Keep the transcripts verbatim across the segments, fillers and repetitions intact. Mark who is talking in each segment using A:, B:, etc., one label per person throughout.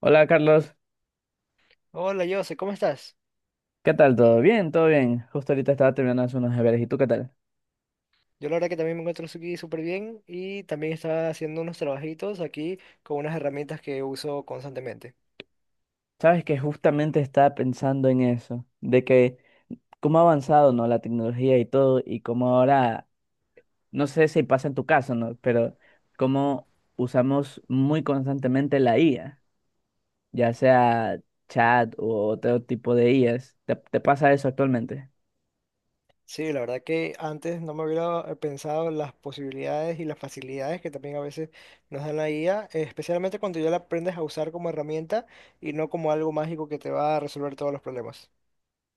A: Hola Carlos,
B: Hola, Jose, ¿cómo estás?
A: ¿qué tal? ¿Todo bien? ¿Todo bien? Justo ahorita estaba terminando de hacer unos deberes. ¿Y tú qué tal?
B: Yo la verdad que también me encuentro aquí súper bien y también estaba haciendo unos trabajitos aquí con unas herramientas que uso constantemente.
A: Sabes que justamente estaba pensando en eso, de que cómo ha avanzado, ¿no? La tecnología y todo, y cómo ahora, no sé si pasa en tu caso, ¿no? Pero cómo usamos muy constantemente la I A, ya sea chat o otro tipo de I As. ¿Te, te pasa eso actualmente?
B: Sí, la verdad que antes no me hubiera eh, pensado las posibilidades y las facilidades que también a veces nos dan la I A, eh, especialmente cuando ya la aprendes a usar como herramienta y no como algo mágico que te va a resolver todos los problemas.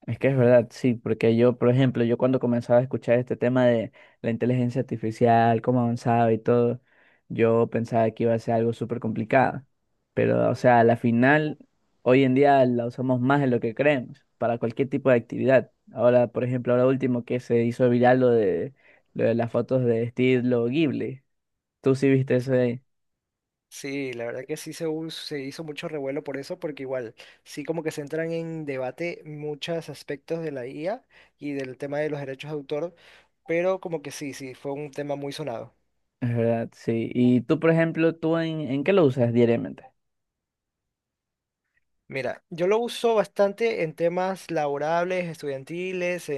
A: Es que es verdad, sí, porque yo, por ejemplo, yo cuando comenzaba a escuchar este tema de la inteligencia artificial, cómo avanzaba y todo, yo pensaba que iba a ser algo súper complicado. Pero, o sea, a la final, hoy en día la usamos más de lo que creemos, para cualquier tipo de actividad. Ahora, por ejemplo, ahora último que se hizo viral lo de, lo de las fotos de estilo Ghibli. Tú sí viste eso de
B: Exacto.
A: ahí.
B: Sí, la verdad que sí se, hu- se hizo mucho revuelo por eso, porque igual sí como que se entran en debate muchos aspectos de la I A y del tema de los derechos de autor, pero como que sí, sí, fue un tema muy sonado.
A: Es verdad, sí. Y tú, por ejemplo, ¿tú en, en qué lo usas diariamente?
B: Mira, yo lo uso bastante en temas laborables, estudiantiles,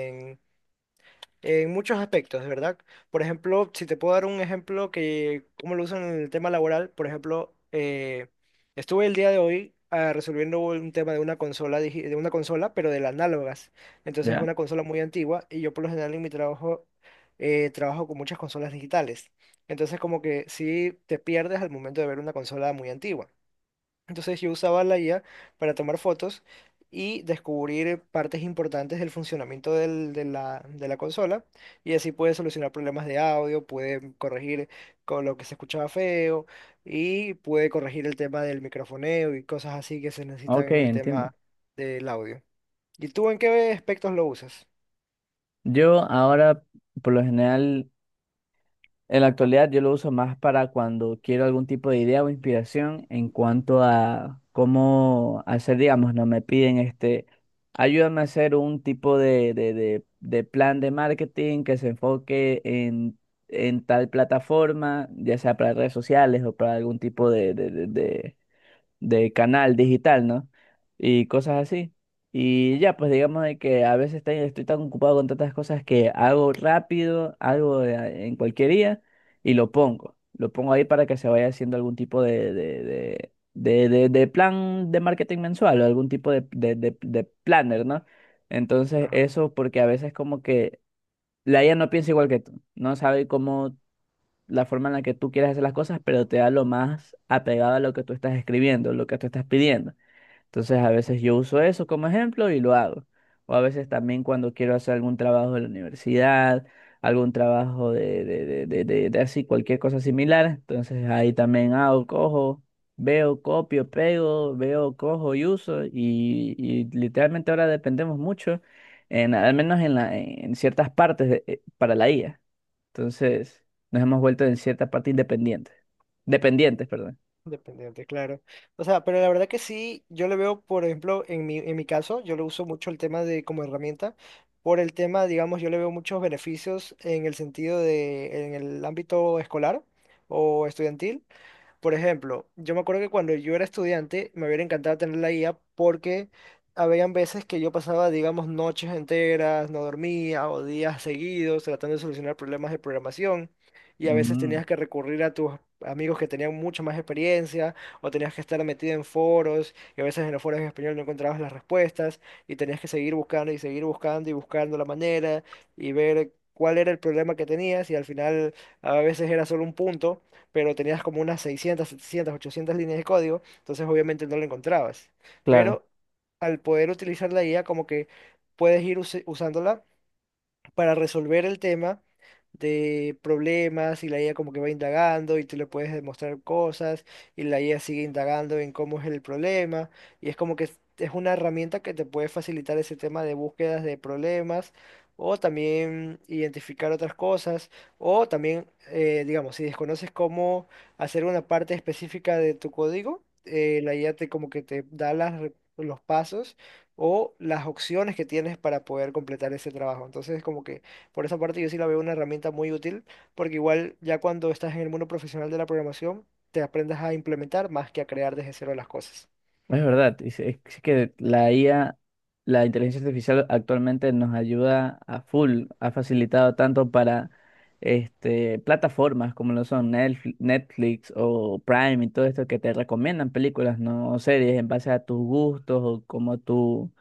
B: en muchos aspectos, de verdad. Por ejemplo, si te puedo dar un ejemplo que, cómo lo usan en el tema laboral, por ejemplo, eh, estuve el día de hoy ah, resolviendo un tema de una consola, digi- de una consola, pero de las análogas. Entonces es
A: ¿Ya?
B: una consola muy antigua y yo por lo general en mi trabajo eh, trabajo con muchas consolas digitales. Entonces como que sí te pierdes al momento de ver una consola muy antigua. Entonces yo usaba la I A para tomar fotos y descubrir partes importantes del funcionamiento del- de la, de la consola y así puede solucionar problemas de audio, puede corregir con lo que se escuchaba feo y puede corregir el tema del microfoneo y cosas así que se necesitan
A: Ok,
B: en el
A: entiendo.
B: tema del audio. ¿Y tú en qué aspectos lo usas?
A: Yo ahora, por lo general, en la actualidad, yo lo uso más para cuando quiero algún tipo de idea o inspiración en cuanto a cómo hacer, digamos, no me piden este, ayúdame a hacer un tipo de, de, de, de plan de marketing que se enfoque en, en tal plataforma, ya sea para redes sociales o para algún tipo de, de, de, de de canal digital, ¿no? Y cosas así. Y ya, pues digamos de que a veces estoy, estoy tan ocupado con tantas cosas que hago rápido, algo de- en cualquier día y lo pongo. Lo pongo ahí para que se vaya haciendo algún tipo de, de, de, de, de- de plan de marketing mensual o algún tipo de, de, de, de planner, ¿no? Entonces
B: Ajá.
A: eso porque a veces como que la I A no piensa igual que tú, no sabe cómo la forma en la que tú quieres hacer las cosas, pero te da lo más apegado a lo que tú estás escribiendo, lo que tú estás pidiendo. Entonces, a veces yo uso eso como ejemplo y lo hago. O a veces también cuando quiero hacer algún trabajo de la universidad, algún trabajo de, de, de, de, de- de así, cualquier cosa similar. Entonces, ahí también hago, cojo, veo, copio, pego, veo, cojo y uso. Y, y literalmente ahora dependemos mucho, en, al menos en, la, en ciertas partes de- eh, para la I A. Entonces, nos hemos vuelto en cierta parte independientes. Dependientes, perdón.
B: Dependiente, claro. O sea, pero la verdad que sí, yo le veo, por ejemplo, en mi, en mi caso, yo lo uso mucho el tema de como herramienta, por el tema, digamos, yo le veo muchos beneficios en el sentido de, en el ámbito escolar o estudiantil. Por ejemplo, yo me acuerdo que cuando yo era estudiante me hubiera encantado tener la guía porque habían veces que yo pasaba, digamos, noches enteras, no dormía o días seguidos tratando de solucionar problemas de programación y a veces
A: Ujú,
B: tenías que recurrir a tus amigos que tenían mucha más experiencia o tenías que estar metido en foros y a veces en los foros en español no encontrabas las respuestas y tenías que seguir buscando y seguir buscando y buscando la manera y ver cuál era el problema que tenías y al final a veces era solo un punto pero tenías como unas seiscientas setecientas ochocientas líneas de código, entonces obviamente no lo encontrabas.
A: claro,
B: Pero al poder utilizar la I A, como que puedes ir usi- usándola para resolver el tema de problemas y la I A como que va indagando y tú le puedes demostrar cosas y la I A sigue indagando en cómo es el problema y es como que es es una herramienta que te puede facilitar ese tema de búsquedas de problemas o también identificar otras cosas o también, eh, digamos, si desconoces cómo hacer una parte específica de tu código, eh, la I A te como que te da las, re- los pasos o las opciones que tienes para poder completar ese trabajo. Entonces, como que por esa parte yo sí la veo una herramienta muy útil, porque igual ya cuando estás en el mundo profesional de la programación, te aprendas a implementar más que a crear desde cero las cosas.
A: es verdad. y se- Es, que la I A, la inteligencia artificial actualmente nos ayuda a full, ha facilitado tanto para este, plataformas como lo son Netfl- Netflix o Prime y todo esto que te recomiendan películas, ¿no? O series en base a tus gustos o como tú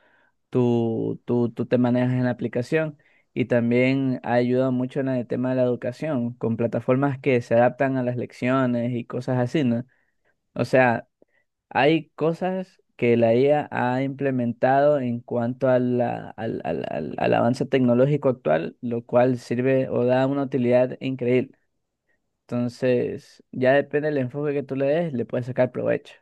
A: tú, tú, tú te manejas en la aplicación y también ha ayudado mucho en el tema de la educación, con plataformas que se adaptan a las lecciones y cosas así, ¿no? O sea, hay cosas que la I A ha implementado en cuanto a la- al, al, al, al avance tecnológico actual, lo cual sirve o da una utilidad increíble. Entonces, ya depende del enfoque que tú le des, le puedes sacar provecho.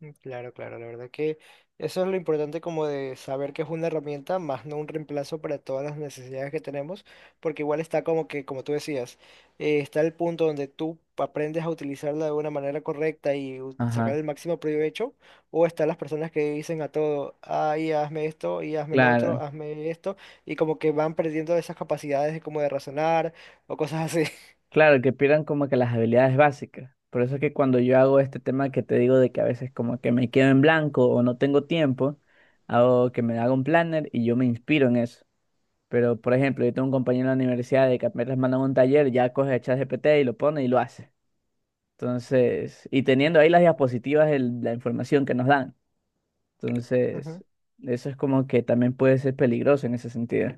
B: Mm, Claro, claro, la verdad que eso es lo importante como de saber que es una herramienta, más no un reemplazo para todas las necesidades que tenemos, porque igual está como que, como tú decías, eh, está el punto donde tú aprendes a utilizarla de una manera correcta y u- sacar
A: Ajá,
B: el máximo provecho, o están las personas que dicen a todo, ay, hazme esto, y hazme lo otro,
A: claro.
B: hazme esto, y como que van perdiendo esas capacidades de como de razonar o cosas así.
A: Claro, que pierdan como que las habilidades básicas. Por eso es que cuando yo hago este tema que te digo de que a veces como que me quedo en blanco o no tengo tiempo, hago que me haga un planner y yo me inspiro en eso. Pero, por ejemplo, yo tengo un compañero en la universidad de que apenas mandan un taller, ya coge G P T y lo pone y lo hace. Entonces, y teniendo ahí las diapositivas de la información que nos dan. Entonces, eso es como que también puede ser peligroso en ese sentido.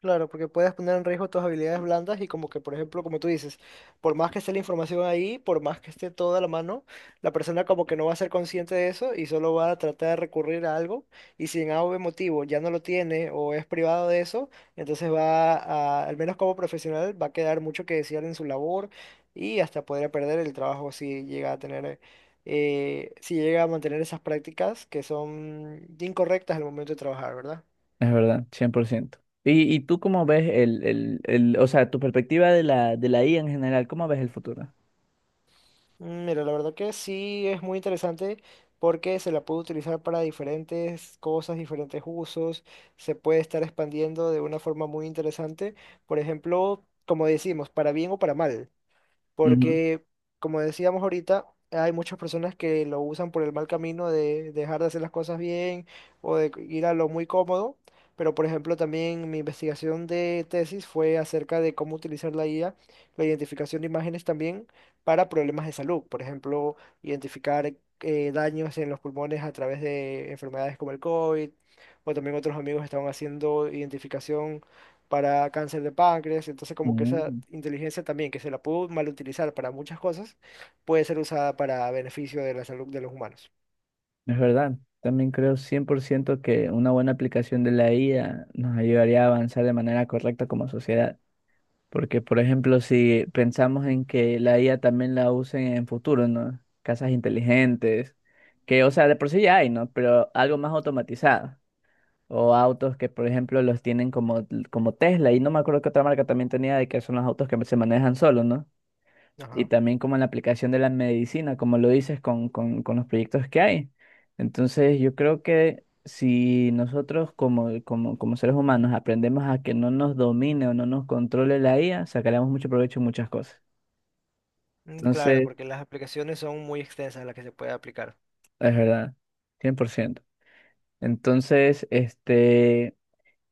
B: Claro, porque puedes poner en riesgo tus habilidades blandas y como que, por ejemplo, como tú dices, por más que esté la información ahí, por más que esté toda a la mano, la persona como que no va a ser consciente de eso y solo va a tratar de recurrir a algo y si en A o B motivo ya no lo tiene o es privado de eso, entonces va a, al menos como profesional, va a quedar mucho que desear en su labor y hasta podría perder el trabajo si llega a tener, eh, si llega a mantener esas prácticas que son incorrectas al momento de trabajar, ¿verdad?
A: Es verdad, cien por ciento. ¿Y, y tú cómo ves el, el, el, o sea, tu perspectiva de la, de la I A en general, cómo ves el futuro?
B: Mm, Mira, la verdad que sí es muy interesante porque se la puede utilizar para diferentes cosas, diferentes usos, se puede estar expandiendo de una forma muy interesante, por ejemplo, como decimos, para bien o para mal
A: Ujú.
B: porque, como decíamos ahorita, hay muchas personas que lo usan por el mal camino de dejar de hacer las cosas bien o de ir a lo muy cómodo. Pero, por ejemplo, también mi investigación de tesis fue acerca de cómo utilizar la I A, la identificación de imágenes también para problemas de salud. Por ejemplo, identificar eh, daños en los pulmones a través de enfermedades como el cóvid, o también otros amigos estaban haciendo identificación para cáncer de páncreas, entonces como que esa
A: Mm,
B: inteligencia también que se la pudo mal utilizar para muchas cosas, puede ser usada para beneficio de la salud de los humanos.
A: es verdad, también creo cien por ciento que una buena aplicación de la I A nos ayudaría a avanzar de manera correcta como sociedad. Porque, por ejemplo, si pensamos en que la I A también la usen en futuro, ¿no? Casas inteligentes, que, o sea, de por sí ya hay, ¿no? Pero algo más automatizado. O autos que, por ejemplo, los tienen como, como Tesla. Y no me acuerdo qué otra marca también tenía de que son los autos que se manejan solos, ¿no? Y
B: Ajá.
A: también como en la aplicación de la medicina, como lo dices con, con, con los proyectos que hay. Entonces, yo creo que si nosotros como, como, como seres humanos aprendemos a que no nos domine o no nos controle la I A, sacaremos mucho provecho en muchas cosas.
B: Mm, Claro,
A: Entonces,
B: porque las aplicaciones son muy extensas las que se puede aplicar.
A: es verdad, cien por ciento. Entonces, este...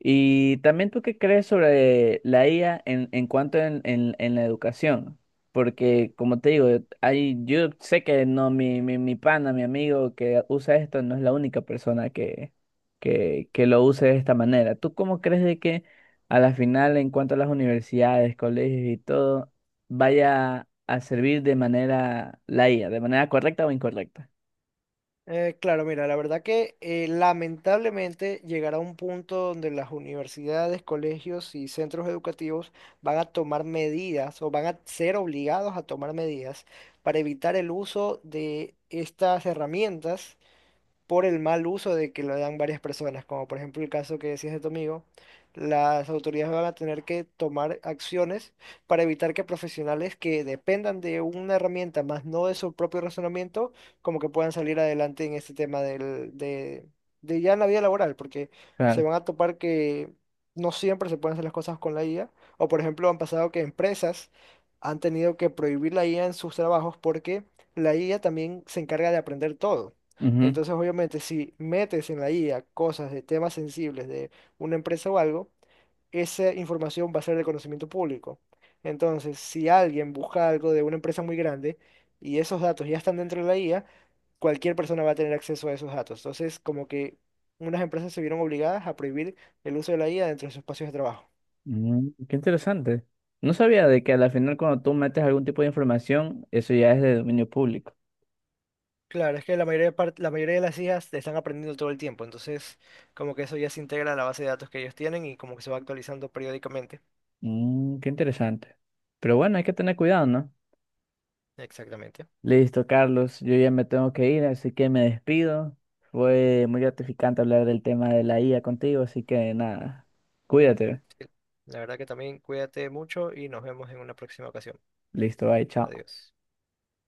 A: Y también tú qué crees sobre la I A en, en cuanto en, en, en la educación, porque como te digo, hay, yo sé que no, mi, mi, mi pana, mi amigo que usa esto no es la única persona que, que, que lo use de esta manera. ¿Tú cómo crees de que a la final en cuanto a las universidades, colegios y todo, vaya a servir de manera la I A, de manera correcta o incorrecta?
B: Eh, claro, mira, la verdad que eh, lamentablemente llegará un punto donde las universidades, colegios y centros educativos van a tomar medidas o van a ser obligados a tomar medidas para evitar el uso de estas herramientas por el mal uso de que lo dan varias personas, como por ejemplo el caso que decías de tu amigo, las autoridades van a tener que tomar acciones para evitar que profesionales que dependan de una herramienta, más no de su propio razonamiento, como que puedan salir adelante en este tema del, de, de ya en la vida laboral, porque se
A: Claro.
B: van a topar que no siempre se pueden hacer las cosas con la I A, o por ejemplo han pasado que empresas han tenido que prohibir la I A en sus trabajos porque la I A también se encarga de aprender todo.
A: Ujú.
B: Entonces, obviamente, si metes en la I A cosas de temas sensibles de una empresa o algo, esa información va a ser de conocimiento público. Entonces, si alguien busca algo de una empresa muy grande y esos datos ya están dentro de la I A, cualquier persona va a tener acceso a esos datos. Entonces, como que unas empresas se vieron obligadas a prohibir el uso de la I A dentro de sus espacios de trabajo.
A: Mm, qué interesante. No sabía de que a la final cuando tú metes algún tipo de información, eso ya es de dominio público.
B: Claro, es que la mayoría de par- la mayoría de las I As te están aprendiendo todo el tiempo, entonces como que eso ya se integra a la base de datos que ellos tienen y como que se va actualizando periódicamente.
A: Mm, qué interesante. Pero bueno, hay que tener cuidado, ¿no?
B: Exactamente.
A: Listo, Carlos, yo ya me tengo que ir, así que me despido. Fue muy gratificante hablar del tema de la I A contigo, así que nada, cuídate.
B: La verdad que también cuídate mucho y nos vemos en una próxima ocasión.
A: Listo, bye, chao.
B: Adiós.